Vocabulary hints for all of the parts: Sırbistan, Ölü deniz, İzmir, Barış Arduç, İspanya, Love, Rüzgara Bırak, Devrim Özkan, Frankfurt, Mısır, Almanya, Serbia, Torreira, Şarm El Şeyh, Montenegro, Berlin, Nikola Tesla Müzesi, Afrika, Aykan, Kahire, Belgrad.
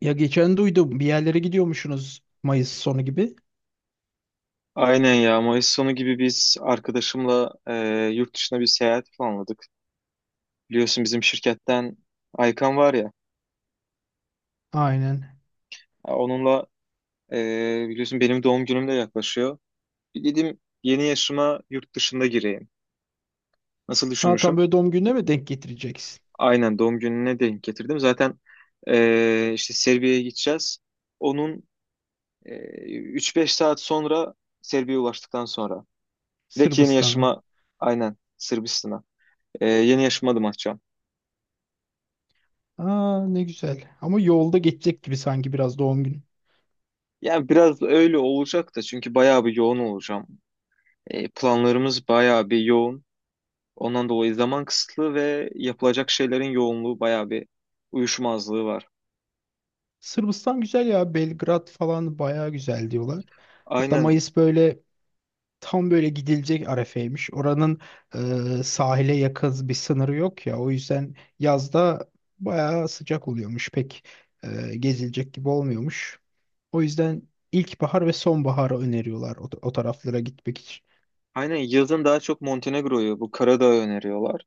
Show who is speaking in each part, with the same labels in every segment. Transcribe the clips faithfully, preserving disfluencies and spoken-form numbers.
Speaker 1: Ya geçen duydum bir yerlere gidiyormuşsunuz Mayıs sonu gibi.
Speaker 2: Aynen ya Mayıs sonu gibi biz arkadaşımla e, yurt dışına bir seyahat planladık. Biliyorsun bizim şirketten Aykan var ya
Speaker 1: Aynen.
Speaker 2: ya onunla e, biliyorsun benim doğum günüm de yaklaşıyor. Bir dedim yeni yaşıma yurt dışında gireyim. Nasıl
Speaker 1: Ha, tam
Speaker 2: düşünmüşüm?
Speaker 1: böyle doğum gününe mi denk getireceksin?
Speaker 2: Aynen doğum gününe denk getirdim. Zaten e, işte Serbia'ya gideceğiz. Onun e, üç beş saat sonra Serbia'ya ulaştıktan sonra direkt yeni
Speaker 1: Sırbistan'a.
Speaker 2: yaşıma, aynen Sırbistan'a, e, yeni yaşıma adım atacağım.
Speaker 1: Aa, ne güzel. Ama yolda geçecek gibi sanki biraz doğum günü.
Speaker 2: Yani biraz öyle olacak da, çünkü bayağı bir yoğun olacağım. E, planlarımız bayağı bir yoğun. Ondan dolayı zaman kısıtlı ve yapılacak şeylerin yoğunluğu bayağı bir uyuşmazlığı var.
Speaker 1: Sırbistan güzel ya. Belgrad falan bayağı güzel diyorlar. Hatta
Speaker 2: Aynen,
Speaker 1: Mayıs böyle tam böyle gidilecek arefeymiş. Oranın e, sahile yakın bir sınırı yok ya. O yüzden yazda bayağı sıcak oluyormuş. Pek e, gezilecek gibi olmuyormuş. O yüzden ilkbahar ve sonbaharı öneriyorlar o, o taraflara gitmek için.
Speaker 2: aynen, yazın daha çok Montenegro'yu, bu Karadağ'ı öneriyorlar.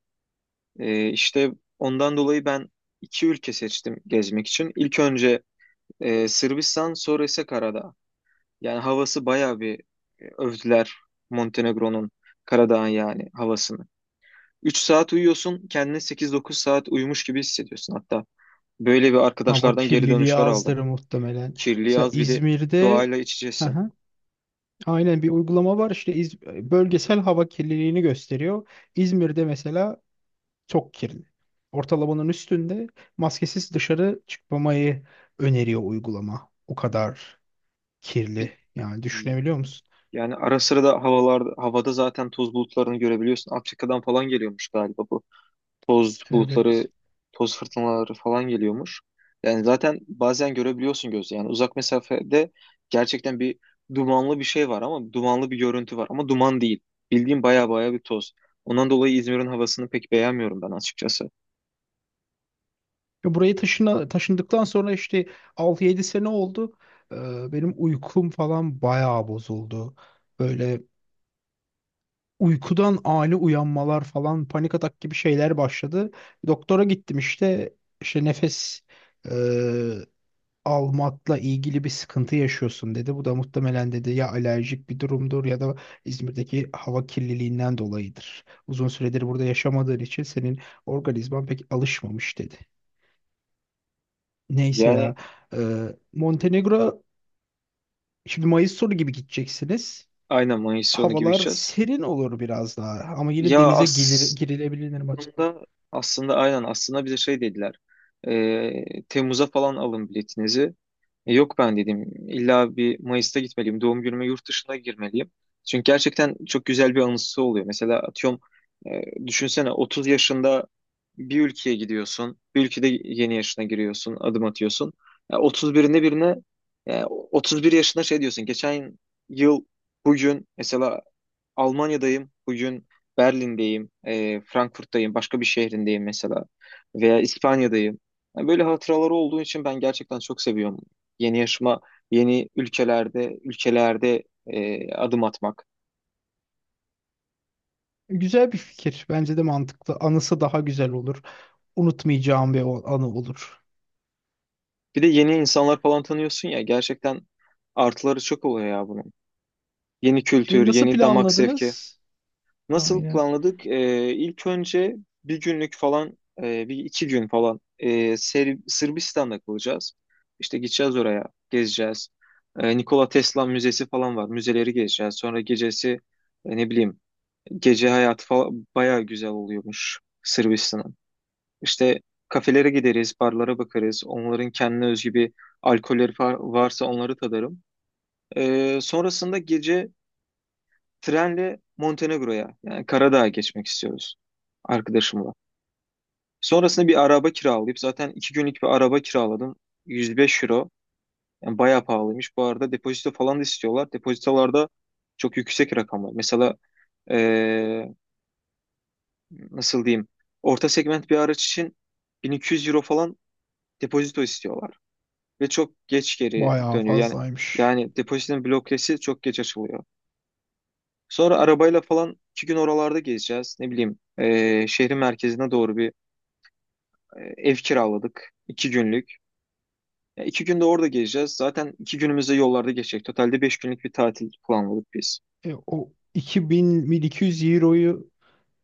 Speaker 2: E, işte ondan dolayı ben iki ülke seçtim gezmek için. İlk önce e, Sırbistan, sonra ise Karadağ. Yani havası bayağı bir, e, övdüler Montenegro'nun, Karadağ'ın yani havasını. üç saat uyuyorsun, kendini sekiz dokuz saat uyumuş gibi hissediyorsun hatta. Böyle bir,
Speaker 1: Hava
Speaker 2: arkadaşlardan geri
Speaker 1: kirliliği
Speaker 2: dönüşler
Speaker 1: azdır
Speaker 2: aldım.
Speaker 1: muhtemelen.
Speaker 2: Kirli
Speaker 1: Mesela
Speaker 2: az, bir de
Speaker 1: İzmir'de.
Speaker 2: doğayla iç içesin.
Speaker 1: Aha, aynen bir uygulama var işte İz- bölgesel hava kirliliğini gösteriyor. İzmir'de mesela çok kirli. Ortalamanın üstünde maskesiz dışarı çıkmamayı öneriyor uygulama. O kadar kirli.
Speaker 2: Bir-
Speaker 1: Yani düşünebiliyor musun?
Speaker 2: Yani ara sıra da havalar, havada zaten toz bulutlarını görebiliyorsun. Afrika'dan falan geliyormuş galiba, bu toz bulutları,
Speaker 1: Evet.
Speaker 2: toz fırtınaları falan geliyormuş. Yani zaten bazen görebiliyorsun gözle. Yani uzak mesafede gerçekten bir dumanlı bir şey var, ama dumanlı bir görüntü var ama duman değil. Bildiğim baya baya bir toz. Ondan dolayı İzmir'in havasını pek beğenmiyorum ben açıkçası.
Speaker 1: Ya, buraya taşına, taşındıktan sonra işte altı yedi sene oldu. Ee, benim uykum falan bayağı bozuldu. Böyle uykudan ani uyanmalar falan panik atak gibi şeyler başladı. Doktora gittim işte işte nefes e, almakla ilgili bir sıkıntı yaşıyorsun dedi. Bu da muhtemelen dedi ya alerjik bir durumdur ya da İzmir'deki hava kirliliğinden dolayıdır. Uzun süredir burada yaşamadığın için senin organizman pek alışmamış dedi. Neyse ya.
Speaker 2: Yani
Speaker 1: Ee, Montenegro şimdi Mayıs sonu gibi gideceksiniz.
Speaker 2: aynen Mayıs sonu gibi
Speaker 1: Havalar
Speaker 2: içeceğiz.
Speaker 1: serin olur biraz daha ama yine
Speaker 2: Ya
Speaker 1: denize gilir,
Speaker 2: aslında
Speaker 1: girilebilir maç.
Speaker 2: aslında aynen, aslında bize şey dediler. Ee, Temmuz'a falan alın biletinizi. E, Yok, ben dedim, illa bir Mayıs'ta gitmeliyim. Doğum günüme yurt dışına girmeliyim. Çünkü gerçekten çok güzel bir anısı oluyor. Mesela atıyorum, e, düşünsene otuz yaşında bir ülkeye gidiyorsun. Bir ülkede yeni yaşına giriyorsun, adım atıyorsun. Ya otuz birinde birine e, otuz bir yaşında şey diyorsun. Geçen yıl bugün mesela Almanya'dayım, bugün Berlin'deyim, e, Frankfurt'tayım, başka bir şehrindeyim mesela, veya İspanya'dayım. Yani böyle hatıraları olduğu için ben gerçekten çok seviyorum. Yeni yaşıma, yeni ülkelerde, ülkelerde e, adım atmak.
Speaker 1: Güzel bir fikir. Bence de mantıklı. Anısı daha güzel olur. Unutmayacağım bir o- anı olur.
Speaker 2: Bir de yeni insanlar falan tanıyorsun ya, gerçekten artıları çok oluyor ya bunun. Yeni
Speaker 1: E,
Speaker 2: kültür,
Speaker 1: nasıl
Speaker 2: yeni damak zevki.
Speaker 1: planladınız?
Speaker 2: Nasıl
Speaker 1: Aynen.
Speaker 2: planladık? Ee, ilk önce bir günlük falan, e, bir iki gün falan, e, Ser- Sırbistan'da kalacağız. İşte gideceğiz oraya, gezeceğiz. E, Nikola Tesla Müzesi falan var. Müzeleri gezeceğiz. Sonra gecesi, e, ne bileyim, gece hayatı falan bayağı güzel oluyormuş Sırbistan'ın. İşte kafelere gideriz, barlara bakarız. Onların kendine özgü bir alkolleri fa- varsa onları tadarım. E, sonrasında gece trenle Montenegro'ya, yani Karadağ'a geçmek istiyoruz arkadaşımla. Sonrasında bir araba kiralayıp, zaten iki günlük bir araba kiraladım. yüz beş euro. Yani bayağı pahalıymış. Bu arada depozito falan da istiyorlar. Depozitolarda çok yüksek rakamlar. Mesela eee, nasıl diyeyim? Orta segment bir araç için bin iki yüz euro falan depozito istiyorlar. Ve çok geç geri
Speaker 1: Bayağı
Speaker 2: dönüyor. Yani
Speaker 1: fazlaymış.
Speaker 2: yani depozitonun blokesi çok geç açılıyor. Sonra arabayla falan iki gün oralarda gezeceğiz. Ne bileyim, e, şehrin merkezine doğru bir, e, ev kiraladık. iki günlük. Ya, iki günde orada gezeceğiz. Zaten iki günümüzde yollarda geçecek. Totalde beş günlük bir tatil planladık biz.
Speaker 1: E, o iki bin bin iki yüz euroyu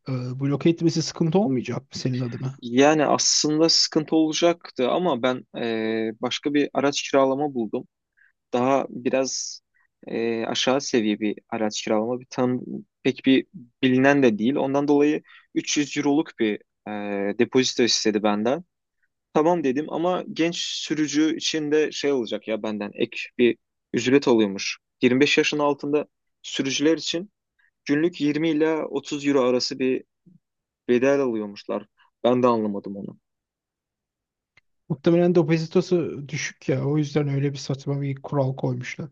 Speaker 1: e, bloke etmesi sıkıntı olmayacak mı senin adına?
Speaker 2: Yani aslında sıkıntı olacaktı, ama ben e, başka bir araç kiralama buldum. Daha biraz, e, aşağı seviye bir araç kiralama. Bir tam pek bir bilinen de değil. Ondan dolayı üç yüz euroluk bir e, depozito istedi benden. Tamam dedim, ama genç sürücü için de şey olacak ya, benden ek bir ücret alıyormuş. yirmi beş yaşın altında sürücüler için günlük yirmi ila otuz euro arası bir bedel alıyormuşlar. Ben de anlamadım onu.
Speaker 1: Muhtemelen depozitosu düşük ya. O yüzden öyle bir saçma bir kural koymuşlar.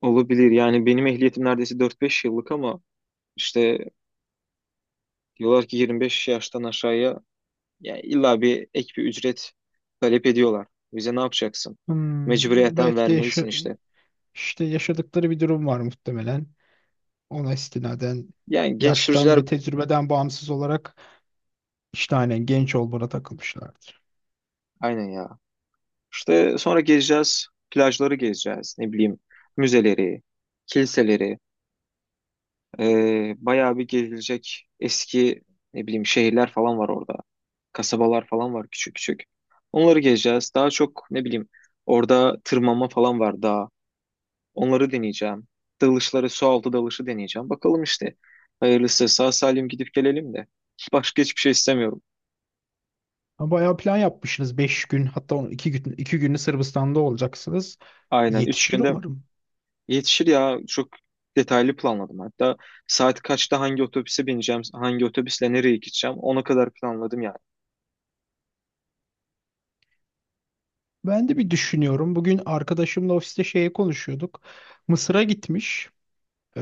Speaker 2: Olabilir, yani benim ehliyetim neredeyse dört beş yıllık, ama işte diyorlar ki yirmi beş yaştan aşağıya ya illa bir ek bir ücret talep ediyorlar. Bize ne yapacaksın?
Speaker 1: Hmm,
Speaker 2: Mecburiyetten
Speaker 1: belki de
Speaker 2: vermelisin
Speaker 1: yaşa-
Speaker 2: işte.
Speaker 1: işte yaşadıkları bir durum var muhtemelen. Ona istinaden
Speaker 2: Yani genç
Speaker 1: yaştan
Speaker 2: sürücüler,
Speaker 1: ve tecrübeden bağımsız olarak işte aynen genç olmana takılmışlardır.
Speaker 2: aynen ya, İşte sonra gezeceğiz, plajları gezeceğiz, ne bileyim, müzeleri, kiliseleri, ee, bayağı bir gezilecek eski, ne bileyim, şehirler falan var orada. Kasabalar falan var, küçük küçük. Onları gezeceğiz. Daha çok, ne bileyim, orada tırmanma falan var daha. Onları deneyeceğim. Dalışları, su altı dalışı deneyeceğim. Bakalım işte. Hayırlısı sağ salim gidip gelelim de. Başka hiçbir şey istemiyorum.
Speaker 1: Ha, bayağı plan yapmışsınız. Beş gün hatta on- iki gün iki günü Sırbistan'da olacaksınız.
Speaker 2: Aynen. Üç
Speaker 1: Yetişir
Speaker 2: günde
Speaker 1: umarım.
Speaker 2: yetişir ya. Çok detaylı planladım. Hatta saat kaçta hangi otobüse bineceğim, hangi otobüsle nereye gideceğim, ona kadar planladım yani.
Speaker 1: Ben de bir düşünüyorum. Bugün arkadaşımla ofiste şeye konuşuyorduk. Mısır'a gitmiş. Ee,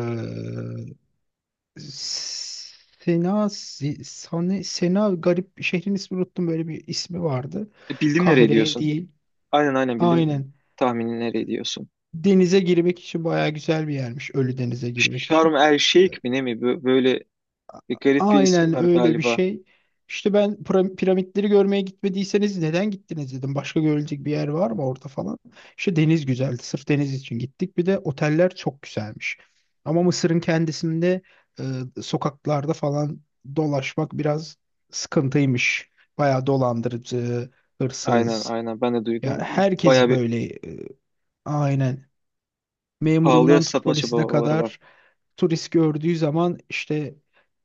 Speaker 1: Sena, Sena, Sena garip şehrin ismini unuttum. Böyle bir ismi vardı.
Speaker 2: E, Bildim nereye
Speaker 1: Kahire
Speaker 2: diyorsun.
Speaker 1: değil.
Speaker 2: Aynen, aynen, bildim
Speaker 1: Aynen.
Speaker 2: tahmini nereye diyorsun.
Speaker 1: Denize girmek için bayağı güzel bir yermiş. Ölü denize girmek için.
Speaker 2: Şarm El Şeyh mi, ne mi? Bö- Böyle bir garip bir ismi
Speaker 1: Aynen
Speaker 2: var
Speaker 1: öyle bir
Speaker 2: galiba.
Speaker 1: şey. İşte ben pra- piramitleri görmeye gitmediyseniz neden gittiniz dedim. Başka görülecek bir yer var mı orada falan. İşte deniz güzeldi. Sırf deniz için gittik. Bir de oteller çok güzelmiş. Ama Mısır'ın kendisinde e, sokaklarda falan dolaşmak biraz sıkıntıymış. Bayağı dolandırıcı,
Speaker 2: Aynen,
Speaker 1: hırsız.
Speaker 2: aynen, ben de
Speaker 1: Ya,
Speaker 2: duydum. Baya
Speaker 1: herkes
Speaker 2: bir
Speaker 1: böyle e, aynen
Speaker 2: pahalıya
Speaker 1: memurundan tut
Speaker 2: satma
Speaker 1: polisine
Speaker 2: çabaları var.
Speaker 1: kadar turist gördüğü zaman işte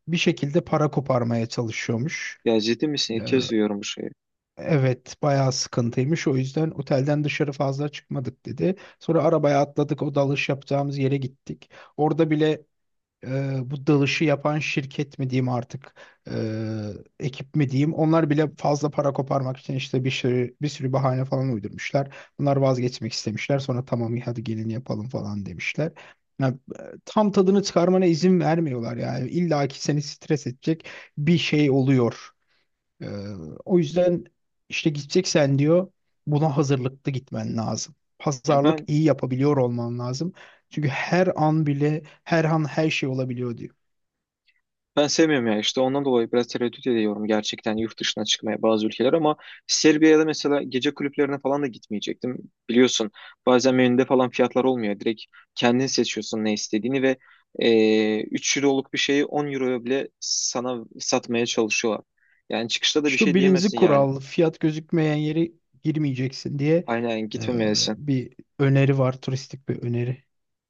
Speaker 1: bir şekilde para koparmaya çalışıyormuş.
Speaker 2: Ya, ciddi misin?
Speaker 1: Ee,
Speaker 2: İlk kez duyuyorum bu şeyi.
Speaker 1: evet, bayağı sıkıntıymış. O yüzden otelden dışarı fazla çıkmadık dedi. Sonra arabaya atladık o dalış yapacağımız yere gittik. Orada bile e, bu dalışı yapan şirket mi diyeyim artık e, ekip mi diyeyim onlar bile fazla para koparmak için işte bir sürü, bir sürü bahane falan uydurmuşlar. Bunlar vazgeçmek istemişler sonra tamam hadi gelin yapalım falan demişler. Ya, e, tam tadını çıkarmana izin vermiyorlar yani. İlla ki seni stres edecek bir şey oluyor. Ee, O yüzden işte gideceksen diyor buna hazırlıklı gitmen lazım.
Speaker 2: Ya
Speaker 1: Pazarlık
Speaker 2: ben
Speaker 1: iyi yapabiliyor olman lazım. Çünkü her an bile her an her şey olabiliyor diyor.
Speaker 2: Ben sevmiyorum ya, işte ondan dolayı biraz tereddüt ediyorum gerçekten yurt dışına çıkmaya, bazı ülkeler ama Serbia'da mesela gece kulüplerine falan da gitmeyecektim. Biliyorsun, bazen menüde falan fiyatlar olmuyor. Direkt kendin seçiyorsun ne istediğini ve e, üç euroluk bir şeyi on euroya bile sana satmaya çalışıyorlar. Yani çıkışta da bir
Speaker 1: İşte o
Speaker 2: şey
Speaker 1: birinci
Speaker 2: diyemezsin yani.
Speaker 1: kural fiyat gözükmeyen yere girmeyeceksin diye
Speaker 2: Aynen,
Speaker 1: e,
Speaker 2: gitmemelisin.
Speaker 1: bir öneri var, turistik bir öneri.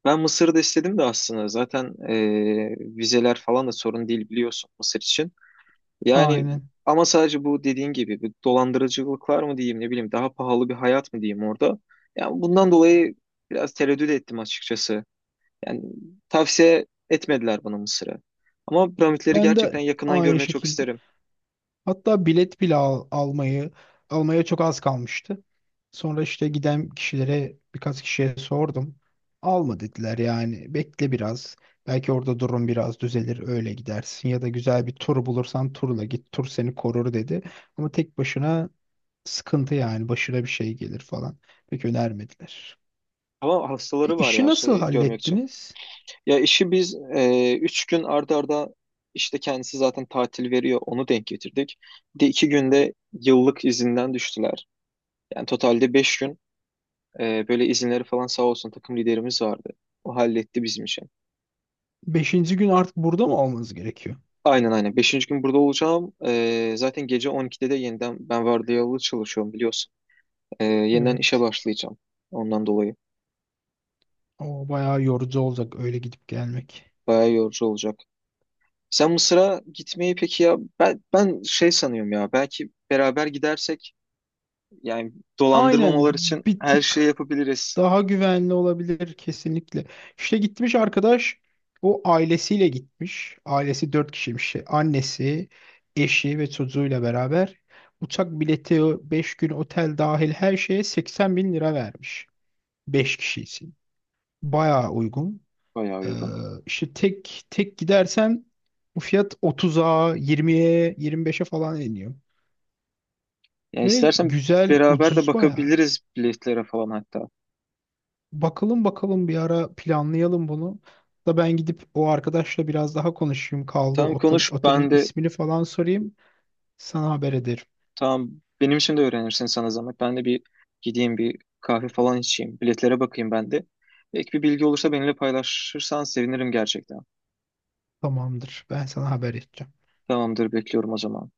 Speaker 2: Ben Mısır'da istedim de aslında, zaten e, vizeler falan da sorun değil biliyorsun Mısır için. Yani,
Speaker 1: Aynen.
Speaker 2: ama sadece bu dediğin gibi bir dolandırıcılık mı diyeyim, ne bileyim, daha pahalı bir hayat mı diyeyim orada. Yani bundan dolayı biraz tereddüt ettim açıkçası. Yani tavsiye etmediler bana Mısır'ı. Ama piramitleri
Speaker 1: Ben
Speaker 2: gerçekten
Speaker 1: de
Speaker 2: yakından
Speaker 1: aynı
Speaker 2: görmeyi çok
Speaker 1: şekilde.
Speaker 2: isterim.
Speaker 1: Hatta bilet bile al- almayı almaya çok az kalmıştı. Sonra işte giden kişilere birkaç kişiye sordum. Alma dediler yani bekle biraz. Belki orada durum biraz düzelir öyle gidersin ya da güzel bir tur bulursan turla git, tur seni korur dedi. Ama tek başına sıkıntı yani başına bir şey gelir falan. Pek önermediler.
Speaker 2: Ama
Speaker 1: E,
Speaker 2: hastaları var
Speaker 1: işi
Speaker 2: ya
Speaker 1: nasıl
Speaker 2: şey görmek için.
Speaker 1: hallettiniz?
Speaker 2: Ya işi biz, e, üç gün arda arda, işte kendisi zaten tatil veriyor, onu denk getirdik. Bir de iki günde yıllık izinden düştüler. Yani totalde beş gün. Ee, böyle izinleri falan, sağ olsun takım liderimiz vardı. O halletti bizim için.
Speaker 1: Beşinci gün artık burada mı olmanız gerekiyor?
Speaker 2: Aynen, aynen. Beşinci gün burada olacağım. Ee, zaten gece on ikide de yeniden, ben vardiyalı çalışıyorum biliyorsun. Ee, yeniden işe
Speaker 1: Evet.
Speaker 2: başlayacağım. Ondan dolayı.
Speaker 1: O bayağı yorucu olacak öyle gidip gelmek.
Speaker 2: Bayağı yorucu olacak. Sen Mısır'a gitmeyi, peki ya ben, ben şey sanıyorum ya, belki beraber gidersek yani
Speaker 1: Aynen,
Speaker 2: dolandırmamalar için
Speaker 1: bir
Speaker 2: her şeyi
Speaker 1: tık
Speaker 2: yapabiliriz.
Speaker 1: daha güvenli olabilir kesinlikle. İşte gitmiş arkadaş, o ailesiyle gitmiş. Ailesi dört kişiymiş. şey, Annesi, eşi ve çocuğuyla beraber uçak bileti, beş gün otel dahil her şeye seksen bin lira vermiş. Beş kişi için. Bayağı uygun.
Speaker 2: Bayağı
Speaker 1: Ee,
Speaker 2: uygun.
Speaker 1: işte tek tek gidersen bu fiyat otuza, yirmiye, yirmi beşe falan iniyor.
Speaker 2: Yani
Speaker 1: Ve
Speaker 2: istersen
Speaker 1: güzel,
Speaker 2: beraber de
Speaker 1: ucuz bayağı.
Speaker 2: bakabiliriz biletlere falan hatta.
Speaker 1: Bakalım bakalım bir ara planlayalım bunu. Da ben gidip o arkadaşla biraz daha konuşayım. Kaldığı
Speaker 2: Tamam,
Speaker 1: otel,
Speaker 2: konuş
Speaker 1: otelin
Speaker 2: ben de.
Speaker 1: ismini falan sorayım. Sana haber ederim.
Speaker 2: Tamam, benim için de öğrenirsin, sana zahmet. Ben de bir gideyim, bir kahve falan içeyim. Biletlere bakayım ben de. Ek bir bilgi olursa benimle paylaşırsan sevinirim gerçekten.
Speaker 1: Tamamdır. Ben sana haber edeceğim.
Speaker 2: Tamamdır, bekliyorum o zaman.